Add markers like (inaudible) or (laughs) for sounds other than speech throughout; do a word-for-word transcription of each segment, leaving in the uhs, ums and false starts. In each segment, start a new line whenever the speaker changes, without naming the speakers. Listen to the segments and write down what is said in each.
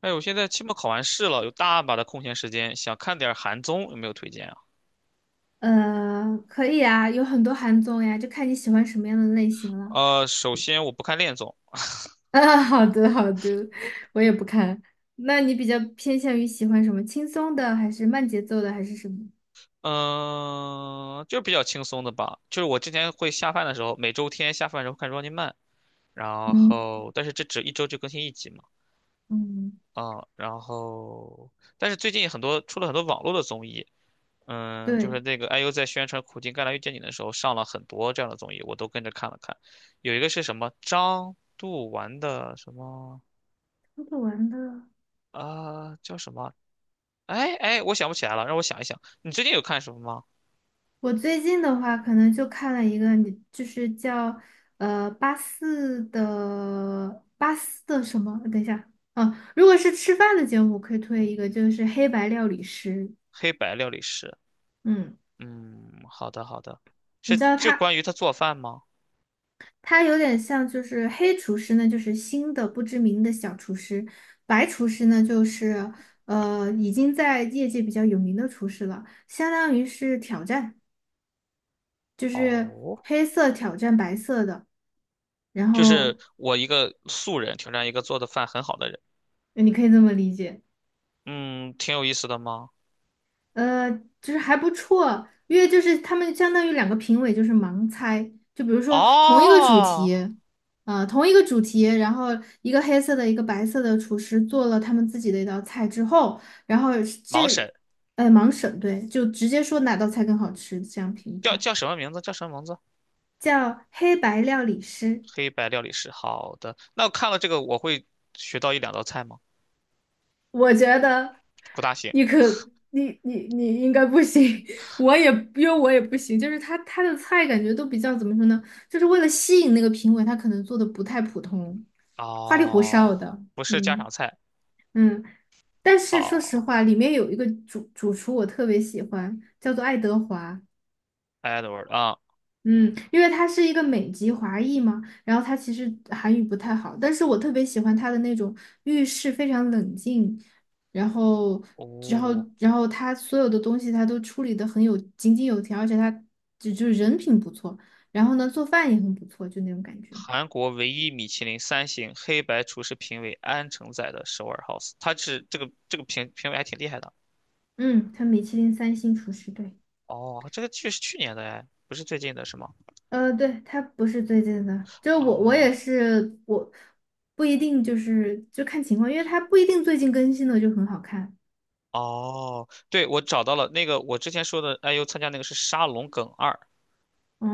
哎，我现在期末考完试了，有大把的空闲时间，想看点儿韩综，有没有推荐啊？
呃，可以啊，有很多韩综呀，就看你喜欢什么样的类型了。
呃，首先我不看恋综。
啊，好的好的，我也不看。那你比较偏向于喜欢什么？轻松的，还是慢节奏的，还是什么？
嗯、就是比较轻松的吧。就是我之前会下饭的时候，每周天下饭的时候看 Running Man，然
嗯
后但是这只一周就更新一集嘛，
嗯，
啊、然后但是最近很多出了很多网络的综艺，嗯、就
对，
是那个 I U 在宣传《苦尽甘来遇见你》的时候上了很多这样的综艺，我都跟着看了看。有一个是什么张度完的什么？
看不完的。
啊、叫什么哎哎，我想不起来了，让我想一想。你最近有看什么吗？
我最近的话，可能就看了一个，你就是叫呃八四的八四的什么？等一下，啊，如果是吃饭的节目，我可以推一个，就是《黑白料理师》。
黑白料理师。
嗯，
嗯，好的好的，
你
是
知道
这
他？
关于他做饭吗？
它有点像，就是黑厨师呢，就是新的不知名的小厨师；白厨师呢，就是呃已经在业界比较有名的厨师了，相当于是挑战，就是
哦，
黑色挑战白色的，然
就
后
是我一个素人挑战一个做的饭很好的人。
呃你可以这么理解。
嗯，挺有意思的吗？
呃，就是还不错，因为就是他们相当于两个评委就是盲猜，就比如说同一个主
哦，
题，呃，同一个主题，然后一个黑色的，一个白色的厨师做了他们自己的一道菜之后，然后
盲
这，
审
哎，盲审，对，就直接说哪道菜更好吃，这样评
叫
判，
叫什么名字？叫什么名字？
叫黑白料理师。
黑白料理师。好的，那我看了这个，我会学到一两道菜吗？
我觉得
不大行。
你可你你你应该不行，(laughs) 我也因为我也不行，就是他他的菜感觉都比较怎么说呢，就是为了吸引那个评委，他可能做的不太普通，花里胡
哦，
哨的，
不是家
嗯
常菜。
嗯。但是说实
哦
话，里面有一个主主厨我特别喜欢，叫做爱德华，
，Edward 啊，
嗯，因为他是一个美籍华裔嘛，然后他其实韩语不太好，但是我特别喜欢他的那种遇事非常冷静，然后，然后，
哦。
然后他所有的东西他都处理的很有井井有条，而且他就就是人品不错，然后呢做饭也很不错，就那种感觉。
韩国唯一米其林三星黑白厨师评委安承宰的首尔 House，他是这个这个评评委还挺厉害的。
嗯，他米其林三星厨师，对，
哦，这个剧是去年的哎，不是最近的是吗？
呃，对，他不是最近的，就我我
哦
也是我不一定就是就看情况，因为他不一定最近更新的就很好看。
哦，对，我找到了那个我之前说的 I U 参加那个是《沙龙梗二》，
哦，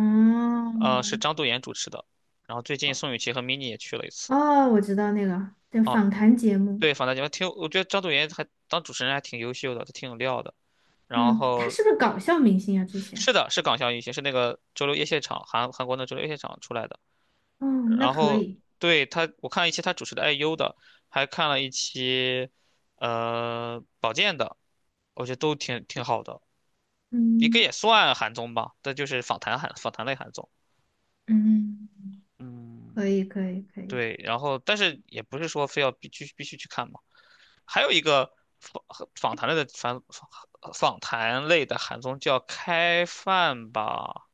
呃，是
哦，
张度妍主持的。然后最近宋雨琦和 mini 也去了一次。
哦我知道那个叫
哦，
访谈节目，
对，访谈节目挺有我觉得张度妍还当主持人还挺优秀的，她挺有料的。然
嗯，他
后
是不是搞笑明星啊？之前，
是的，是港校运行，是那个周六夜现场，韩韩国的周六夜现场出来的。
哦，那
然
可
后
以，
对他，我看了一期他主持的 I U 的，还看了一期呃保健的，我觉得都挺挺好的，应该
嗯
也算韩综吧，但就是访谈韩访谈类韩综。
嗯，
嗯，
可以可以可以，
对，然后但是也不是说非要必须必须去看嘛。还有一个访访谈类的访访访谈类的韩综叫《开饭吧，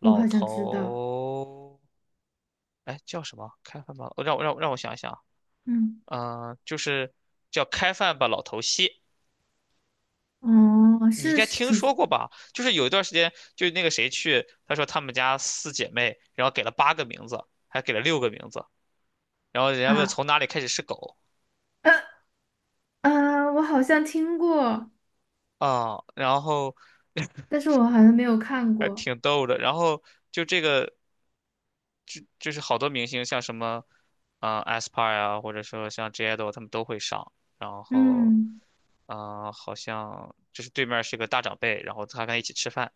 我好像知道，
头》，哎，叫什么？开饭吧，让我让我让我想一想，
嗯，
嗯、呃就是叫开饭吧，老头戏，
哦，
你应
是
该
是
听
主
说过吧？就是有一段时间，就是那个谁去，他说他们家四姐妹，然后给了八个名字，还给了六个名字，然后人家问
啊，
从哪里开始是狗
呃啊，我好像听过，
啊、然后
但是我好像没有看
还
过，
挺逗的。然后就这个，就是好多明星，像什么，嗯、a s p a r 啊，或者说像 j a d o 他们都会上。然后，
嗯。
嗯、好像就是对面是个大长辈，然后他跟他一起吃饭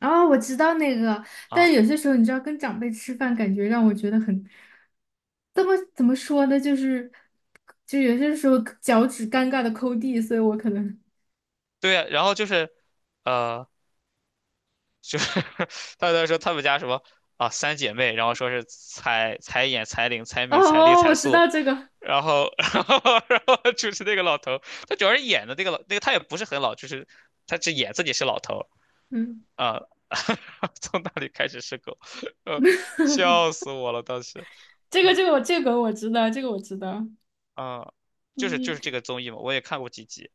哦，我知道那个，但
啊，
是有些时候你知道，跟长辈吃饭，感觉让我觉得很，怎么怎么说呢，就是，就有些时候脚趾尴尬的抠地，所以我可能，
对呀然后就是。呃，就是他在说他们家什么啊三姐妹，然后说是彩彩眼、彩玲、彩敏、彩丽、
哦，
彩
我知
素，
道这个，
然后 (laughs) 然后然后就是那个老头，他主要是演的那个老那个他也不是很老，就是他只演自己是老头
嗯，
啊，(laughs) 从那里开始是狗，呃，笑死我了当时
这个这个我这个我知道，这个我知道，
啊，就是就
嗯
是这个综艺嘛，我也看过几集。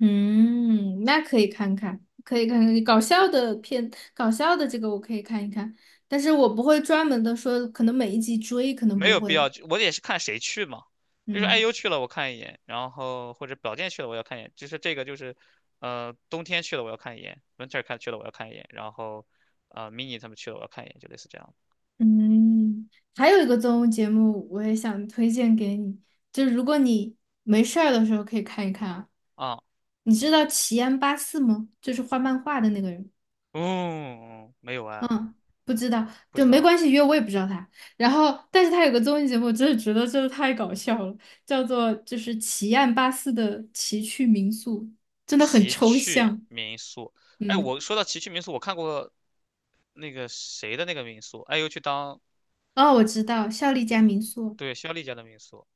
嗯，那可以看看，可以看看搞笑的片，搞笑的这个我可以看一看，但是我不会专门的说，可能每一集追，可能
没
不
有必
会，
要去，我也是看谁去嘛。就是
嗯。
I U 去了我看一眼，然后或者宝剑去了我要看一眼，就是这个就是，呃，冬天去了我要看一眼，Winter 看去了我要看一眼，然后，呃，Mini 他们去了我要看一眼，就类似这样的
嗯，还有一个综艺节目，我也想推荐给你，就是如果你没事儿的时候可以看一看啊。
啊。
你知道奇安八四吗？就是画漫画的那个人。
嗯，没有啊，
嗯，不知道，
不
就
知
没关
道。
系，因为我也不知道他。然后，但是他有个综艺节目，真的觉得真的太搞笑了，叫做就是奇案八四的奇趣民宿，真的很
奇
抽
趣
象。
民宿，哎，
嗯，
我说到奇趣民宿，我看过那个谁的那个民宿，I U 去当
哦，我知道，效力家民宿
对肖丽家的民宿，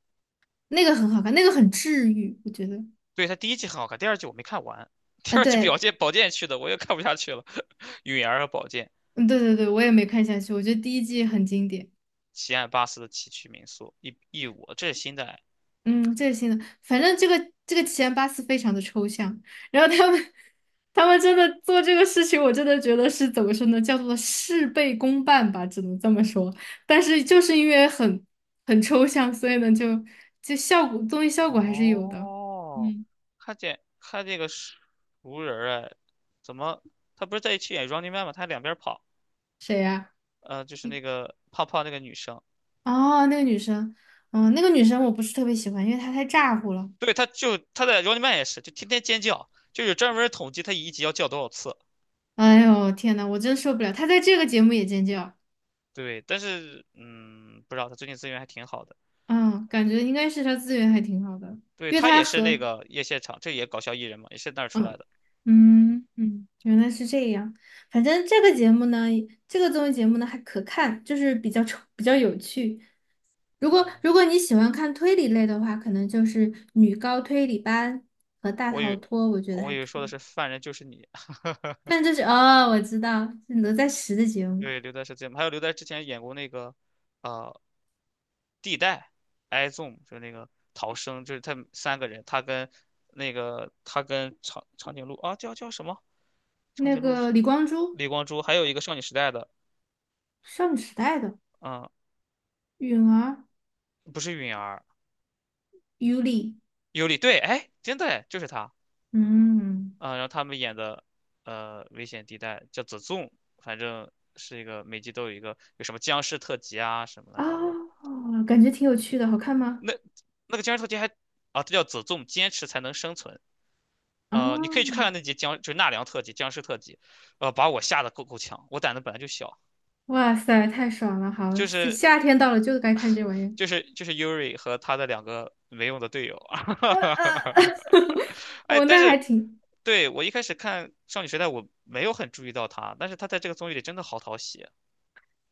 那个很好看，那个很治愈，我觉得。
对他第一季很好看，第二季我没看完，第
啊，
二季保
对，
健宝剑去的我又看不下去了，(laughs) 允儿和宝剑。
嗯，对对对，我也没看下去，我觉得第一季很经典。
奇岸巴斯的崎岖民宿一一五，这是新的哎
嗯，这个新的，反正这个这个奇安巴斯非常的抽象，然后他们 (laughs) 他们真的做这个事情，我真的觉得是怎么说呢，叫做事倍功半吧，只能这么说。但是就是因为很很抽象，所以呢，就就效果综艺效果还是有的。
哦，
嗯，
看见看这个熟人儿哎，怎么他不是在一起演《Running Man》吗？他还两边跑，
谁呀、
呃，就是那个胖胖那个女生，
哦，那个女生，嗯，那个女生我不是特别喜欢，因为她太咋呼了。
对，他就他在《Running Man》也是，就天天尖叫，就有专门统计他一集要叫多少次。
哎呦，天呐，我真受不了，她在这个节目也尖叫。
对，但是嗯，不知道他最近资源还挺好的。
嗯，感觉应该是他资源还挺好的，
对，
因为
他
他
也是那
和
个夜现场，这也搞笑艺人嘛，也是那儿出来
嗯
的。
嗯嗯，原来是这样。反正这个节目呢，这个综艺节目呢还可看，就是比较丑比较有趣。如果如果你喜欢看推理类的话，可能就是《女高推理班》和《大
我以
逃
为
脱》，我觉得
我
还
以为
可
说的
以。
是犯人就是你。(laughs)
但这是哦，我知道是哪吒十的节目，
对，刘在是最美，还有刘在石之前演过那个，呃，地带 i z o m 就是那个逃生，就是他们三个人，他跟那个他跟长长颈鹿啊，叫叫什么？长
那
颈鹿是
个
谁
李光洙，
李光洙，还有一个少女时代的，
少女时代的
嗯，
允儿、
不是允儿，
尤里，
尤里，对，哎，真的哎，就是他，
嗯。
嗯，然后他们演的，呃，危险地带叫子 h 反正是一个每集都有一个有什么僵尸特辑啊什么乱七八糟的，
哦，感觉挺有趣的，好看吗？
那那个僵尸特辑还啊，这叫子 h 坚持才能生存。呃，你可以去
哦，
看看那集僵，就是纳凉特辑、僵尸特辑，呃，把我吓得够够呛。我胆子本来就小，
哇塞，太爽了！好，
就
这
是
夏天到了就该看这玩意儿。
就是就是 Yuri 和他的两个没用的队友。
呃呃，
(laughs)
(laughs)
哎，
我
但
那还
是
挺，
对我一开始看《少女时代》，我没有很注意到他，但是他在这个综艺里真的好讨喜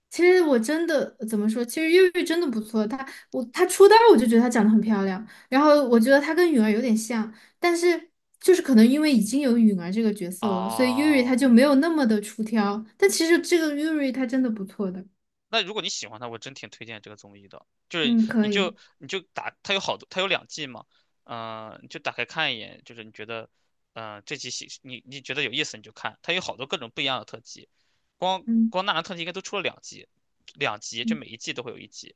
其实我真的怎么说？其实越狱真的不错，她我她出道我就觉得她长得很漂亮，然后我觉得她跟允儿有点像，但是就是可能因为已经有允儿这个角色了，所以 Yuri 她
啊。
就没有那么的出挑。但其实这个 Yuri 她真的不错的，
那如果你喜欢他，我真挺推荐这个综艺的。就是
嗯，
你
可
就
以，
你就打，它有好多，它有两季嘛，嗯、你就打开看一眼，就是你觉得，嗯、这集戏你你觉得有意思你就看，它有好多各种不一样的特辑，光
嗯
光纳兰特辑应该都出了两集，两集就
嗯。
每一季都会有一集。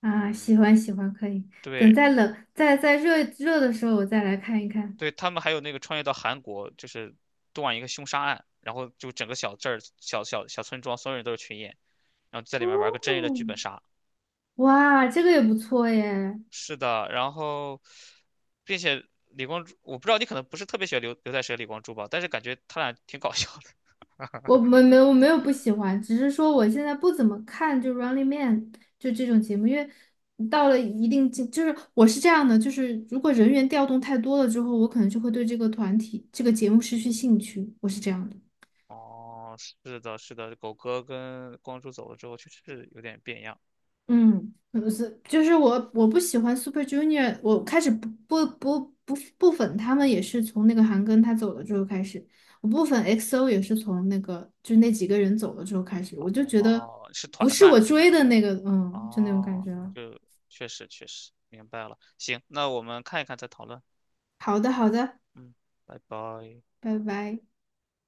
啊，喜
嗯，
欢喜欢，可以。等
对
再冷，再再热热的时候，我再来看一看。
对，他们还有那个穿越到韩国，就是断一个凶杀案，然后就整个小镇儿、小小小村庄，所有人都是群演，然后在里面玩个真人的
哦，
剧本杀。
哇，这个也不错耶。
是的，然后，并且李光洙，我不知道你可能不是特别喜欢刘刘在石和李光洙吧，但是感觉他俩挺搞笑的。(laughs)
我没没有我没有不喜欢，只是说我现在不怎么看就《Running Man》就这种节目，因为到了一定境，就是我是这样的，就是如果人员调动太多了之后，我可能就会对这个团体、这个节目失去兴趣，我是这样的。
哦，是的，是的，狗哥跟光洙走了之后，确实是有点变样。
嗯，不是，就是我我不喜欢 Super Junior，我开始不不不不不粉他们也是从那个韩庚他走了之后开始，我不粉 X O 也是从那个就那几个人走了之后开始，我就觉得
哦，是
不
团
是
饭。
我追的那个，嗯，就那种感
哦，
觉了。
就确实确实明白了。行，那我们看一看再讨论。
好的，好的，
嗯，拜拜。
拜拜。